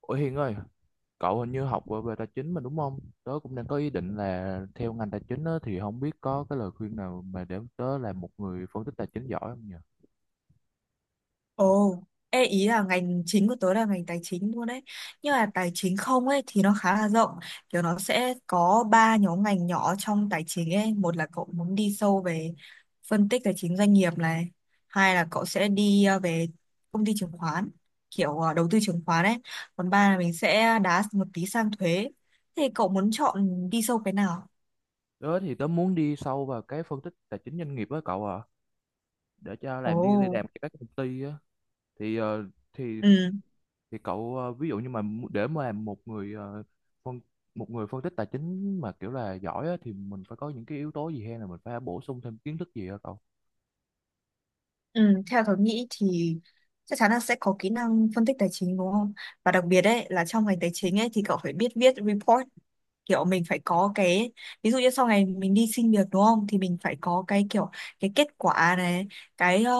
Ủa Hiền ơi, cậu hình như học về về tài chính mà đúng không? Tớ cũng đang có ý định là theo ngành tài chính á, thì không biết có cái lời khuyên nào mà để tớ là một người phân tích tài chính giỏi không nhỉ? Ồ, ê ý là ngành chính của tớ là ngành tài chính luôn đấy. Nhưng mà tài chính không ấy thì nó khá là rộng. Kiểu nó sẽ có ba nhóm ngành nhỏ trong tài chính ấy. Một là cậu muốn đi sâu về phân tích tài chính doanh nghiệp này. Hai là cậu sẽ đi về công ty chứng khoán, kiểu đầu tư chứng khoán ấy. Còn ba là mình sẽ đá một tí sang thuế. Thì cậu muốn chọn đi sâu cái nào? Tớ thì tớ muốn đi sâu vào cái phân tích tài chính doanh nghiệp á cậu ạ, để cho Ồ, làm đi đi làm cho các công ty á. Thì ờ, thì ừ. thì cậu, ví dụ như mà để mà làm một người, phân một người phân tích tài chính mà kiểu là giỏi á, thì mình phải có những cái yếu tố gì hay là mình phải bổ sung thêm kiến thức gì hả cậu? Ừ, theo tôi nghĩ thì chắc chắn là sẽ có kỹ năng phân tích tài chính đúng không? Và đặc biệt ấy là trong ngành tài chính ấy thì cậu phải biết viết report, kiểu mình phải có cái, ví dụ như sau này mình đi xin việc đúng không thì mình phải có cái kiểu cái kết quả này, cái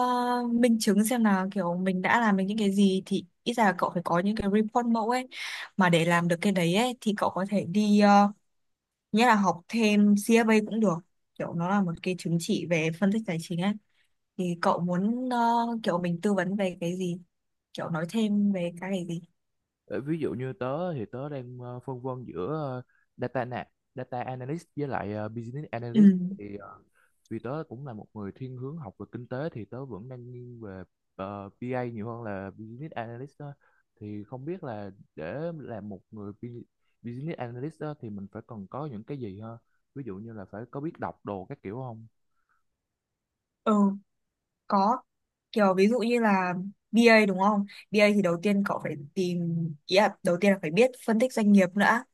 minh chứng xem là kiểu mình đã làm được những cái gì, thì ít ra là cậu phải có những cái report mẫu ấy. Mà để làm được cái đấy ấy thì cậu có thể đi nghĩa là học thêm CFA cũng được, kiểu nó là một cái chứng chỉ về phân tích tài chính ấy. Thì cậu muốn kiểu mình tư vấn về cái gì? Kiểu nói thêm về cái gì? Ờ, ví dụ như tớ thì tớ đang phân vân giữa data na- data analyst với lại business Ừ, analyst, thì vì tớ cũng là một người thiên hướng học về kinh tế thì tớ vẫn đang nghiêng về BA nhiều hơn là business analyst đó. Thì không biết là để làm một người business analyst đó, thì mình phải cần có những cái gì ha, ví dụ như là phải có biết đọc đồ các kiểu không? ừ, có. Kiểu ví dụ như là BA đúng không? BA thì đầu tiên cậu phải tìm, ý là đầu tiên là phải biết phân tích doanh nghiệp nữa.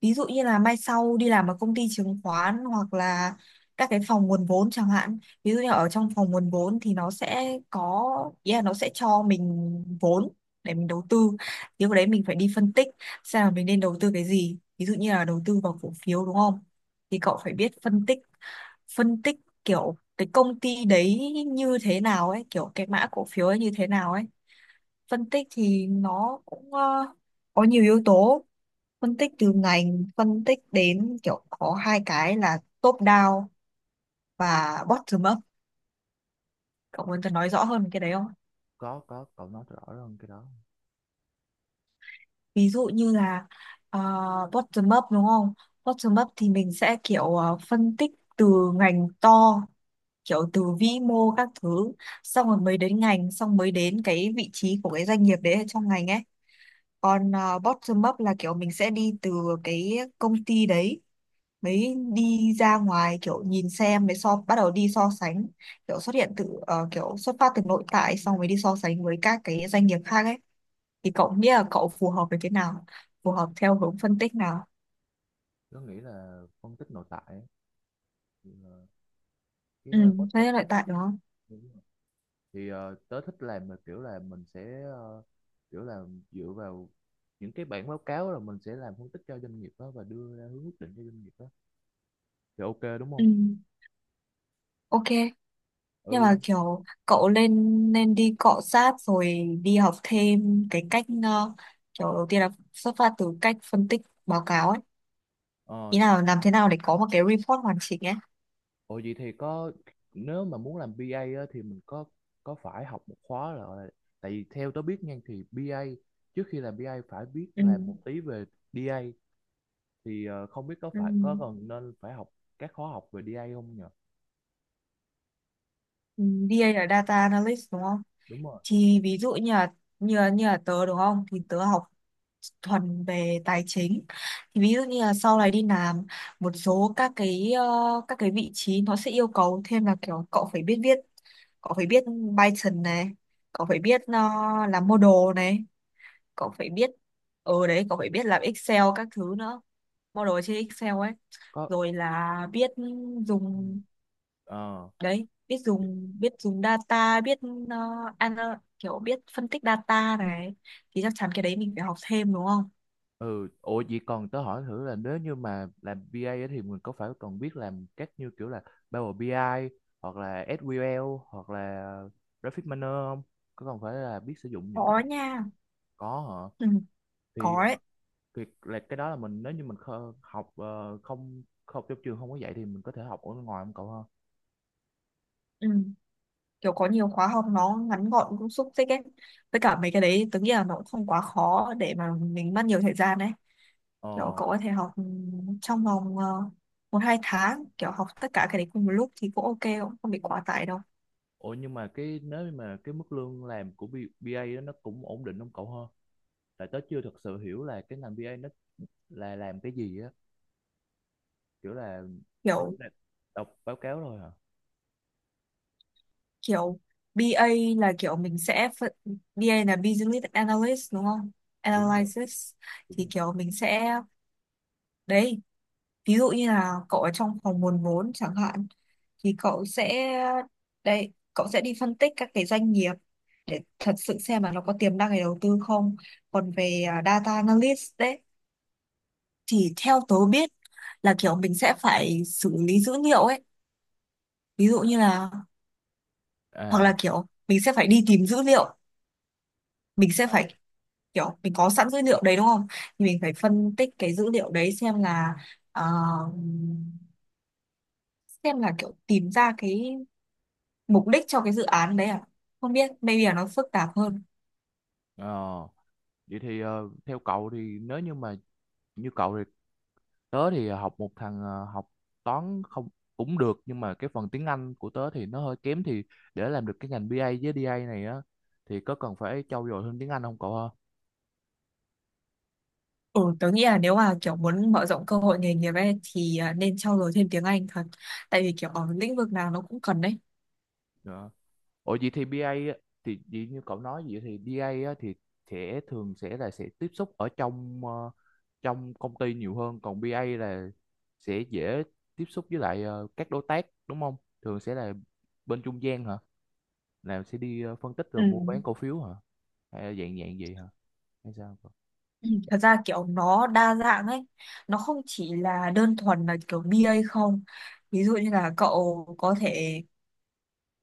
Ví dụ như là mai sau đi làm ở công ty chứng khoán hoặc là các cái phòng nguồn vốn chẳng hạn. Ví dụ như ở trong phòng nguồn vốn thì nó sẽ có, ý là nó sẽ cho mình vốn để mình đầu tư, thì lúc đấy mình phải đi phân tích xem là mình nên đầu tư cái gì, ví dụ như là đầu tư vào cổ phiếu đúng không, thì cậu phải biết phân tích kiểu cái công ty đấy như thế nào ấy, kiểu cái mã cổ phiếu ấy như thế nào ấy. Phân tích thì nó cũng có nhiều yếu tố, phân tích từ ngành, phân tích đến, kiểu có hai cái là top down và bottom up. Cậu muốn tôi nói rõ hơn về cái đấy không? Có, có, cậu nói rõ hơn cái đó. Ví dụ như là ờ, bottom up đúng không, bottom up thì mình sẽ kiểu phân tích từ ngành to, kiểu từ vĩ mô các thứ, xong rồi mới đến ngành, xong mới đến cái vị trí của cái doanh nghiệp đấy ở trong ngành ấy. Còn bottom up là kiểu mình sẽ đi từ cái công ty đấy mới đi ra ngoài, kiểu nhìn xem, mới so, bắt đầu đi so sánh, kiểu xuất hiện từ kiểu xuất phát từ nội tại xong mới đi so sánh với các cái doanh nghiệp khác ấy. Thì cậu nghĩ là cậu phù hợp với cái nào, phù hợp theo hướng phân tích nào? Tớ nghĩ là phân tích nội tại ấy. Thì, cái, Ừ, bottom, thế nội tại đúng không? thì tớ thích làm là kiểu là mình sẽ, kiểu là dựa vào những cái bản báo cáo là mình sẽ làm phân tích cho doanh nghiệp đó và đưa ra hướng quyết định cho doanh nghiệp đó. Thì ok đúng không? Ừ, ok. Nhưng Ừ. mà kiểu cậu nên nên đi cọ sát rồi đi học thêm cái cách kiểu đầu tiên là xuất phát từ cách phân tích báo cáo ấy, Ờ. ý là làm thế nào để có một cái report hoàn chỉnh ấy. Ồ, vậy thì có. Nếu mà muốn làm BA á, thì mình có phải học một khóa là, tại vì theo tớ biết nha thì BA trước khi làm BA phải biết Ừ. làm một tí về DA, thì không biết có Ừ. phải có cần nên phải học các khóa học về DA không nhỉ? Ừ, DA là data analyst đúng không? Đúng rồi. Thì ví dụ như là như là, như là tớ đúng không? Thì tớ học thuần về tài chính. Thì ví dụ như là sau này đi làm một số các cái các cái vị trí nó sẽ yêu cầu thêm là kiểu cậu phải biết viết, cậu phải biết Python này, cậu phải biết làm model này, cậu phải biết ở đấy, cậu phải biết làm Excel các thứ nữa, model trên Excel ấy, Có. rồi là biết Ừ. dùng, Ờ. đấy, biết dùng, biết dùng data, biết ờ, kiểu biết phân tích data này, thì chắc chắn cái đấy mình phải học thêm đúng không. Ừ. Ủa vậy còn tớ hỏi thử là, nếu như mà làm BA ấy thì mình có phải còn biết làm các như kiểu là Power BI hoặc là SQL hoặc là Graphic Miner không? Có còn phải là biết sử dụng những cái. Có nha. Có hả? Ừ, có thì ấy. thì là cái đó là mình, nếu như mình học, không không trong trường không có dạy thì mình có thể học ở ngoài không cậu ha? Ừ. Kiểu có nhiều khóa học nó ngắn gọn cũng xúc tích ấy, với cả mấy cái đấy tớ nghĩ là nó cũng không quá khó để mà mình mất nhiều thời gian đấy. Kiểu Ờ. cậu có thể học ừ, trong vòng một hai tháng kiểu học tất cả cái đấy cùng một lúc thì cũng ok, cũng không bị quá tải đâu. Ủa nhưng mà cái, nếu như mà cái mức lương làm của B- a đó nó cũng ổn định không cậu ha? Tại tớ chưa thật sự hiểu là cái ngành BA nó là làm cái gì á, kiểu là nó kiểu chỉ là đọc báo cáo thôi hả? kiểu BA là kiểu mình sẽ BA là Business Analyst đúng không? Đúng rồi, Analysis. đúng Thì rồi. kiểu mình sẽ, đấy, ví dụ như là cậu ở trong phòng nguồn vốn chẳng hạn, thì cậu sẽ, đấy, cậu sẽ đi phân tích các cái doanh nghiệp để thật sự xem là nó có tiềm năng để đầu tư không. Còn về à, Data Analyst đấy, thì theo tớ biết là kiểu mình sẽ phải xử lý dữ liệu ấy, ví dụ như là, hoặc À. là kiểu mình sẽ phải đi tìm dữ liệu, mình sẽ phải, kiểu mình có sẵn dữ liệu đấy đúng không, thì mình phải phân tích cái dữ liệu đấy xem là ờ, xem là kiểu tìm ra cái mục đích cho cái dự án đấy à, không biết maybe là nó phức tạp hơn. ờ, vậy thì, theo cậu thì, nếu như mà như cậu thì, tớ thì học một thằng, học toán không cũng được nhưng mà cái phần tiếng Anh của tớ thì nó hơi kém, thì để làm được cái ngành BA với DA này á thì có cần phải trau dồi thêm tiếng Anh không cậu? Ừ, tớ nghĩ là nếu mà kiểu muốn mở rộng cơ hội nghề nghiệp ấy thì à, nên trau dồi thêm tiếng Anh thật, tại vì kiểu ở lĩnh vực nào nó cũng cần đấy. Ha. Ủa vậy thì BA á, thì vậy như cậu nói vậy thì BA á, thì sẽ thường sẽ là sẽ tiếp xúc ở trong, trong công ty nhiều hơn, còn BA là sẽ dễ tiếp xúc với lại, các đối tác đúng không? Thường sẽ là bên trung gian hả? Là sẽ đi, phân tích Ừ. rồi mua bán cổ phiếu hả? Hay là dạng dạng gì hả? Hay sao, cậu? Ừ, thật ra kiểu nó đa dạng ấy, nó không chỉ là đơn thuần là kiểu BA không, ví dụ như là cậu có thể,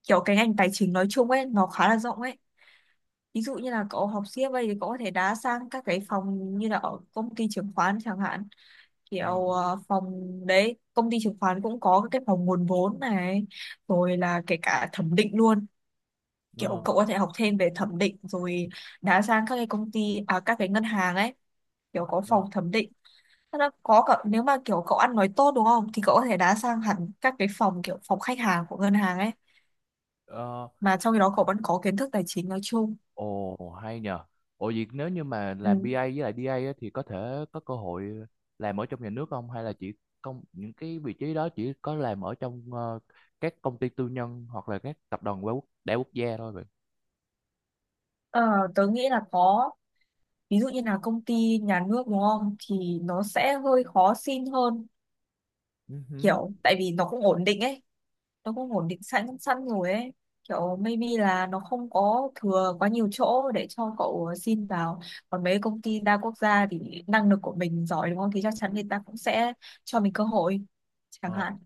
kiểu cái ngành tài chính nói chung ấy nó khá là rộng ấy, ví dụ như là cậu học CFA thì cậu có thể đá sang các cái phòng như là ở công ty chứng khoán chẳng hạn, Ờ. kiểu phòng, đấy, công ty chứng khoán cũng có cái phòng nguồn vốn này, rồi là kể cả thẩm định luôn, kiểu Ờ. cậu có thể học thêm về thẩm định rồi đá sang các cái công ty à các cái ngân hàng ấy, kiểu có Ờ. phòng thẩm định. Thế là có cả, nếu mà kiểu cậu ăn nói tốt đúng không thì cậu có thể đá sang hẳn các cái phòng kiểu phòng khách hàng của ngân hàng ấy, Ờ. mà trong khi đó cậu vẫn có kiến thức tài chính nói chung. Ồ hay nhờ. Ồ vậy nếu như mà Ừ. làm BA với lại DA á, thì có thể có cơ hội làm ở trong nhà nước không hay là chỉ công những cái vị trí đó chỉ có làm ở trong, các công ty tư nhân hoặc là các tập đoàn đa quốc gia thôi vậy? Ờ, tớ nghĩ là có. Ví dụ như là công ty nhà nước đúng không thì nó sẽ hơi khó xin hơn, kiểu tại vì nó cũng ổn định ấy, nó cũng ổn định sẵn sẵn rồi ấy, kiểu maybe là nó không có thừa quá nhiều chỗ để cho cậu xin vào. Còn mấy công ty đa quốc gia thì năng lực của mình giỏi đúng không thì chắc chắn người ta cũng sẽ cho mình cơ hội chẳng Ừ. hạn.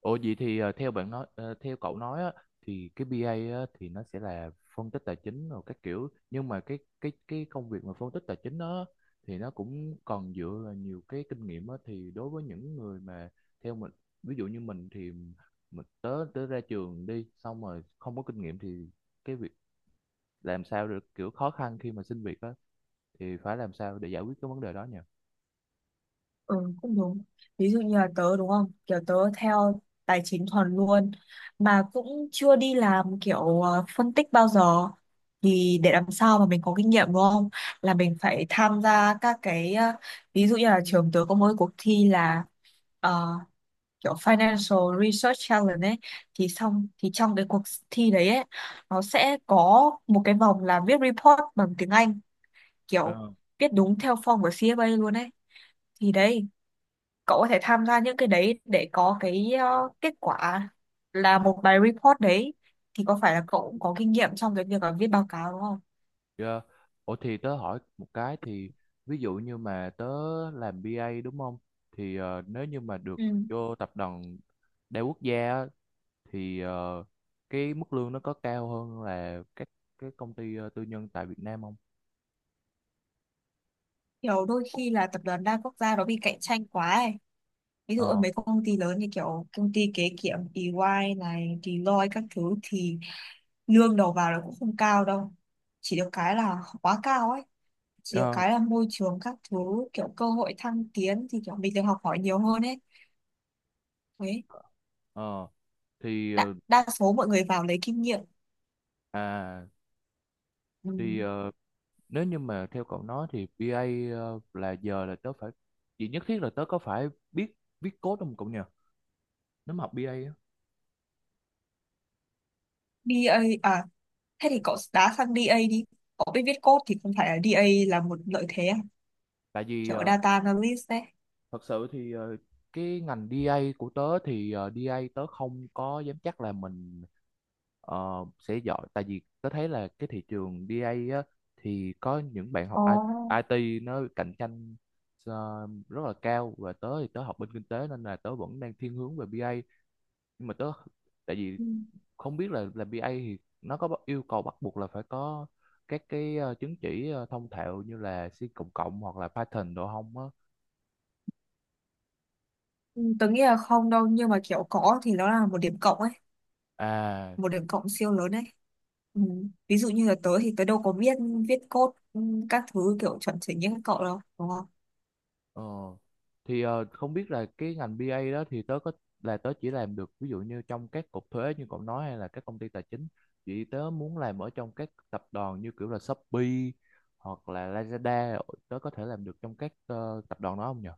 Ồ vậy thì, theo cậu nói á, thì cái BA á, thì nó sẽ là phân tích tài chính rồi các kiểu, nhưng mà cái công việc mà phân tích tài chính đó thì nó cũng còn dựa vào nhiều cái kinh nghiệm á, thì đối với những người mà theo mình, ví dụ như mình thì mình tới tới ra trường đi xong rồi không có kinh nghiệm thì cái việc làm sao được kiểu khó khăn khi mà xin việc á, thì phải làm sao để giải quyết cái vấn đề đó nhỉ? Ừ, cũng đúng. Ví dụ như là tớ đúng không? Kiểu tớ theo tài chính thuần luôn mà cũng chưa đi làm kiểu phân tích bao giờ, thì để làm sao mà mình có kinh nghiệm đúng không? Là mình phải tham gia các cái ví dụ như là trường tớ có mỗi cuộc thi là ờ, kiểu Financial Research Challenge ấy, thì xong thì trong cái cuộc thi đấy ấy nó sẽ có một cái vòng là viết report bằng tiếng Anh, kiểu viết đúng theo form của CFA luôn ấy. Thì đấy, cậu có thể tham gia những cái đấy để có cái kết quả là một bài report đấy, thì có phải là cậu cũng có kinh nghiệm trong cái việc là viết báo cáo đúng không? Dạ. Ủa thì tớ hỏi một cái thì, ví dụ như mà tớ làm BA đúng không? Thì nếu như mà được Ừ. vô tập đoàn đa quốc gia á, thì cái mức lương nó có cao hơn là các cái công ty, tư nhân tại Việt Nam không? Kiểu đôi khi là tập đoàn đa quốc gia nó bị cạnh tranh quá ấy. Ví dụ ở Ờ. mấy công ty lớn như kiểu công ty kế kiểm EY này, Deloitte các thứ thì lương đầu vào nó cũng không cao đâu. Chỉ được cái là quá cao ấy. Chỉ được Ờ. cái là môi trường các thứ, kiểu cơ hội thăng tiến thì kiểu mình được học hỏi nhiều hơn ấy. Đấy. Ờ. Thì Đa, đa số mọi người vào lấy kinh nghiệm. à, Ừ. thì nếu như mà theo cậu nói thì BA, là giờ là tớ phải, chỉ nhất thiết là tớ có phải biết viết code không cậu nhỉ? Nếu mà học BA á. Đê a à, thế thì cậu đá sang DA đi, cậu biết viết code thì không phải là DA là một lợi thế à? Tại vì Kiểu data analyst đấy. thật sự thì cái ngành DA của tớ thì DA tớ không có dám chắc là mình sẽ giỏi, tại vì tớ thấy là cái thị trường DA á, thì có những bạn học Ồ. IT nó cạnh tranh rất là cao, và tớ thì tớ học bên kinh tế nên là tớ vẫn đang thiên hướng về BA nhưng mà tại vì Ừ. không biết là BA thì nó có yêu cầu bắt buộc là phải có các cái, chứng chỉ, thông thạo như là C cộng cộng hoặc là Python đồ không á? Ừ, tớ nghĩ là không đâu nhưng mà kiểu có thì nó là một điểm cộng ấy, À. một điểm cộng siêu lớn ấy. Ừ. Ví dụ như là tớ thì tớ đâu có biết viết code ừ, các thứ kiểu chuẩn chỉnh như các cậu đâu đúng không. Ờ. Thì không biết là cái ngành BA đó thì tớ có là tớ chỉ làm được ví dụ như trong các cục thuế như cậu nói hay là các công ty tài chính, chỉ tớ muốn làm ở trong các tập đoàn như kiểu là Shopee hoặc là Lazada, tớ có thể làm được trong các, tập đoàn đó không nhờ?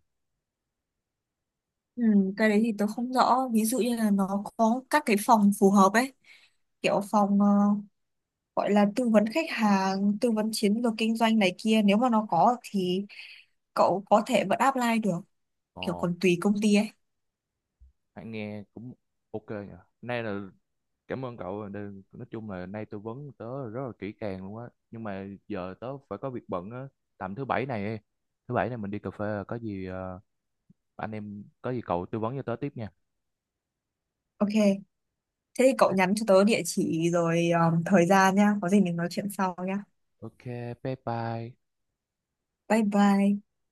Ừ, cái đấy thì tớ không rõ, ví dụ như là nó có các cái phòng phù hợp ấy, kiểu phòng gọi là tư vấn khách hàng, tư vấn chiến lược kinh doanh này kia, nếu mà nó có thì cậu có thể vẫn apply được, Ồ, kiểu còn tùy công ty ấy. hãy nghe cũng ok nhờ. Nay là cảm ơn cậu đây, nói chung là nay tư vấn tớ rất là kỹ càng luôn á nhưng mà giờ tớ phải có việc bận á, tầm thứ bảy này mình đi cà phê, có gì, anh em, có gì cậu tư vấn cho tớ tiếp nha. Ok, thế thì cậu nhắn cho tớ địa chỉ rồi thời gian nhá, có gì mình nói chuyện sau nhá. Ok, bye bye. Bye bye.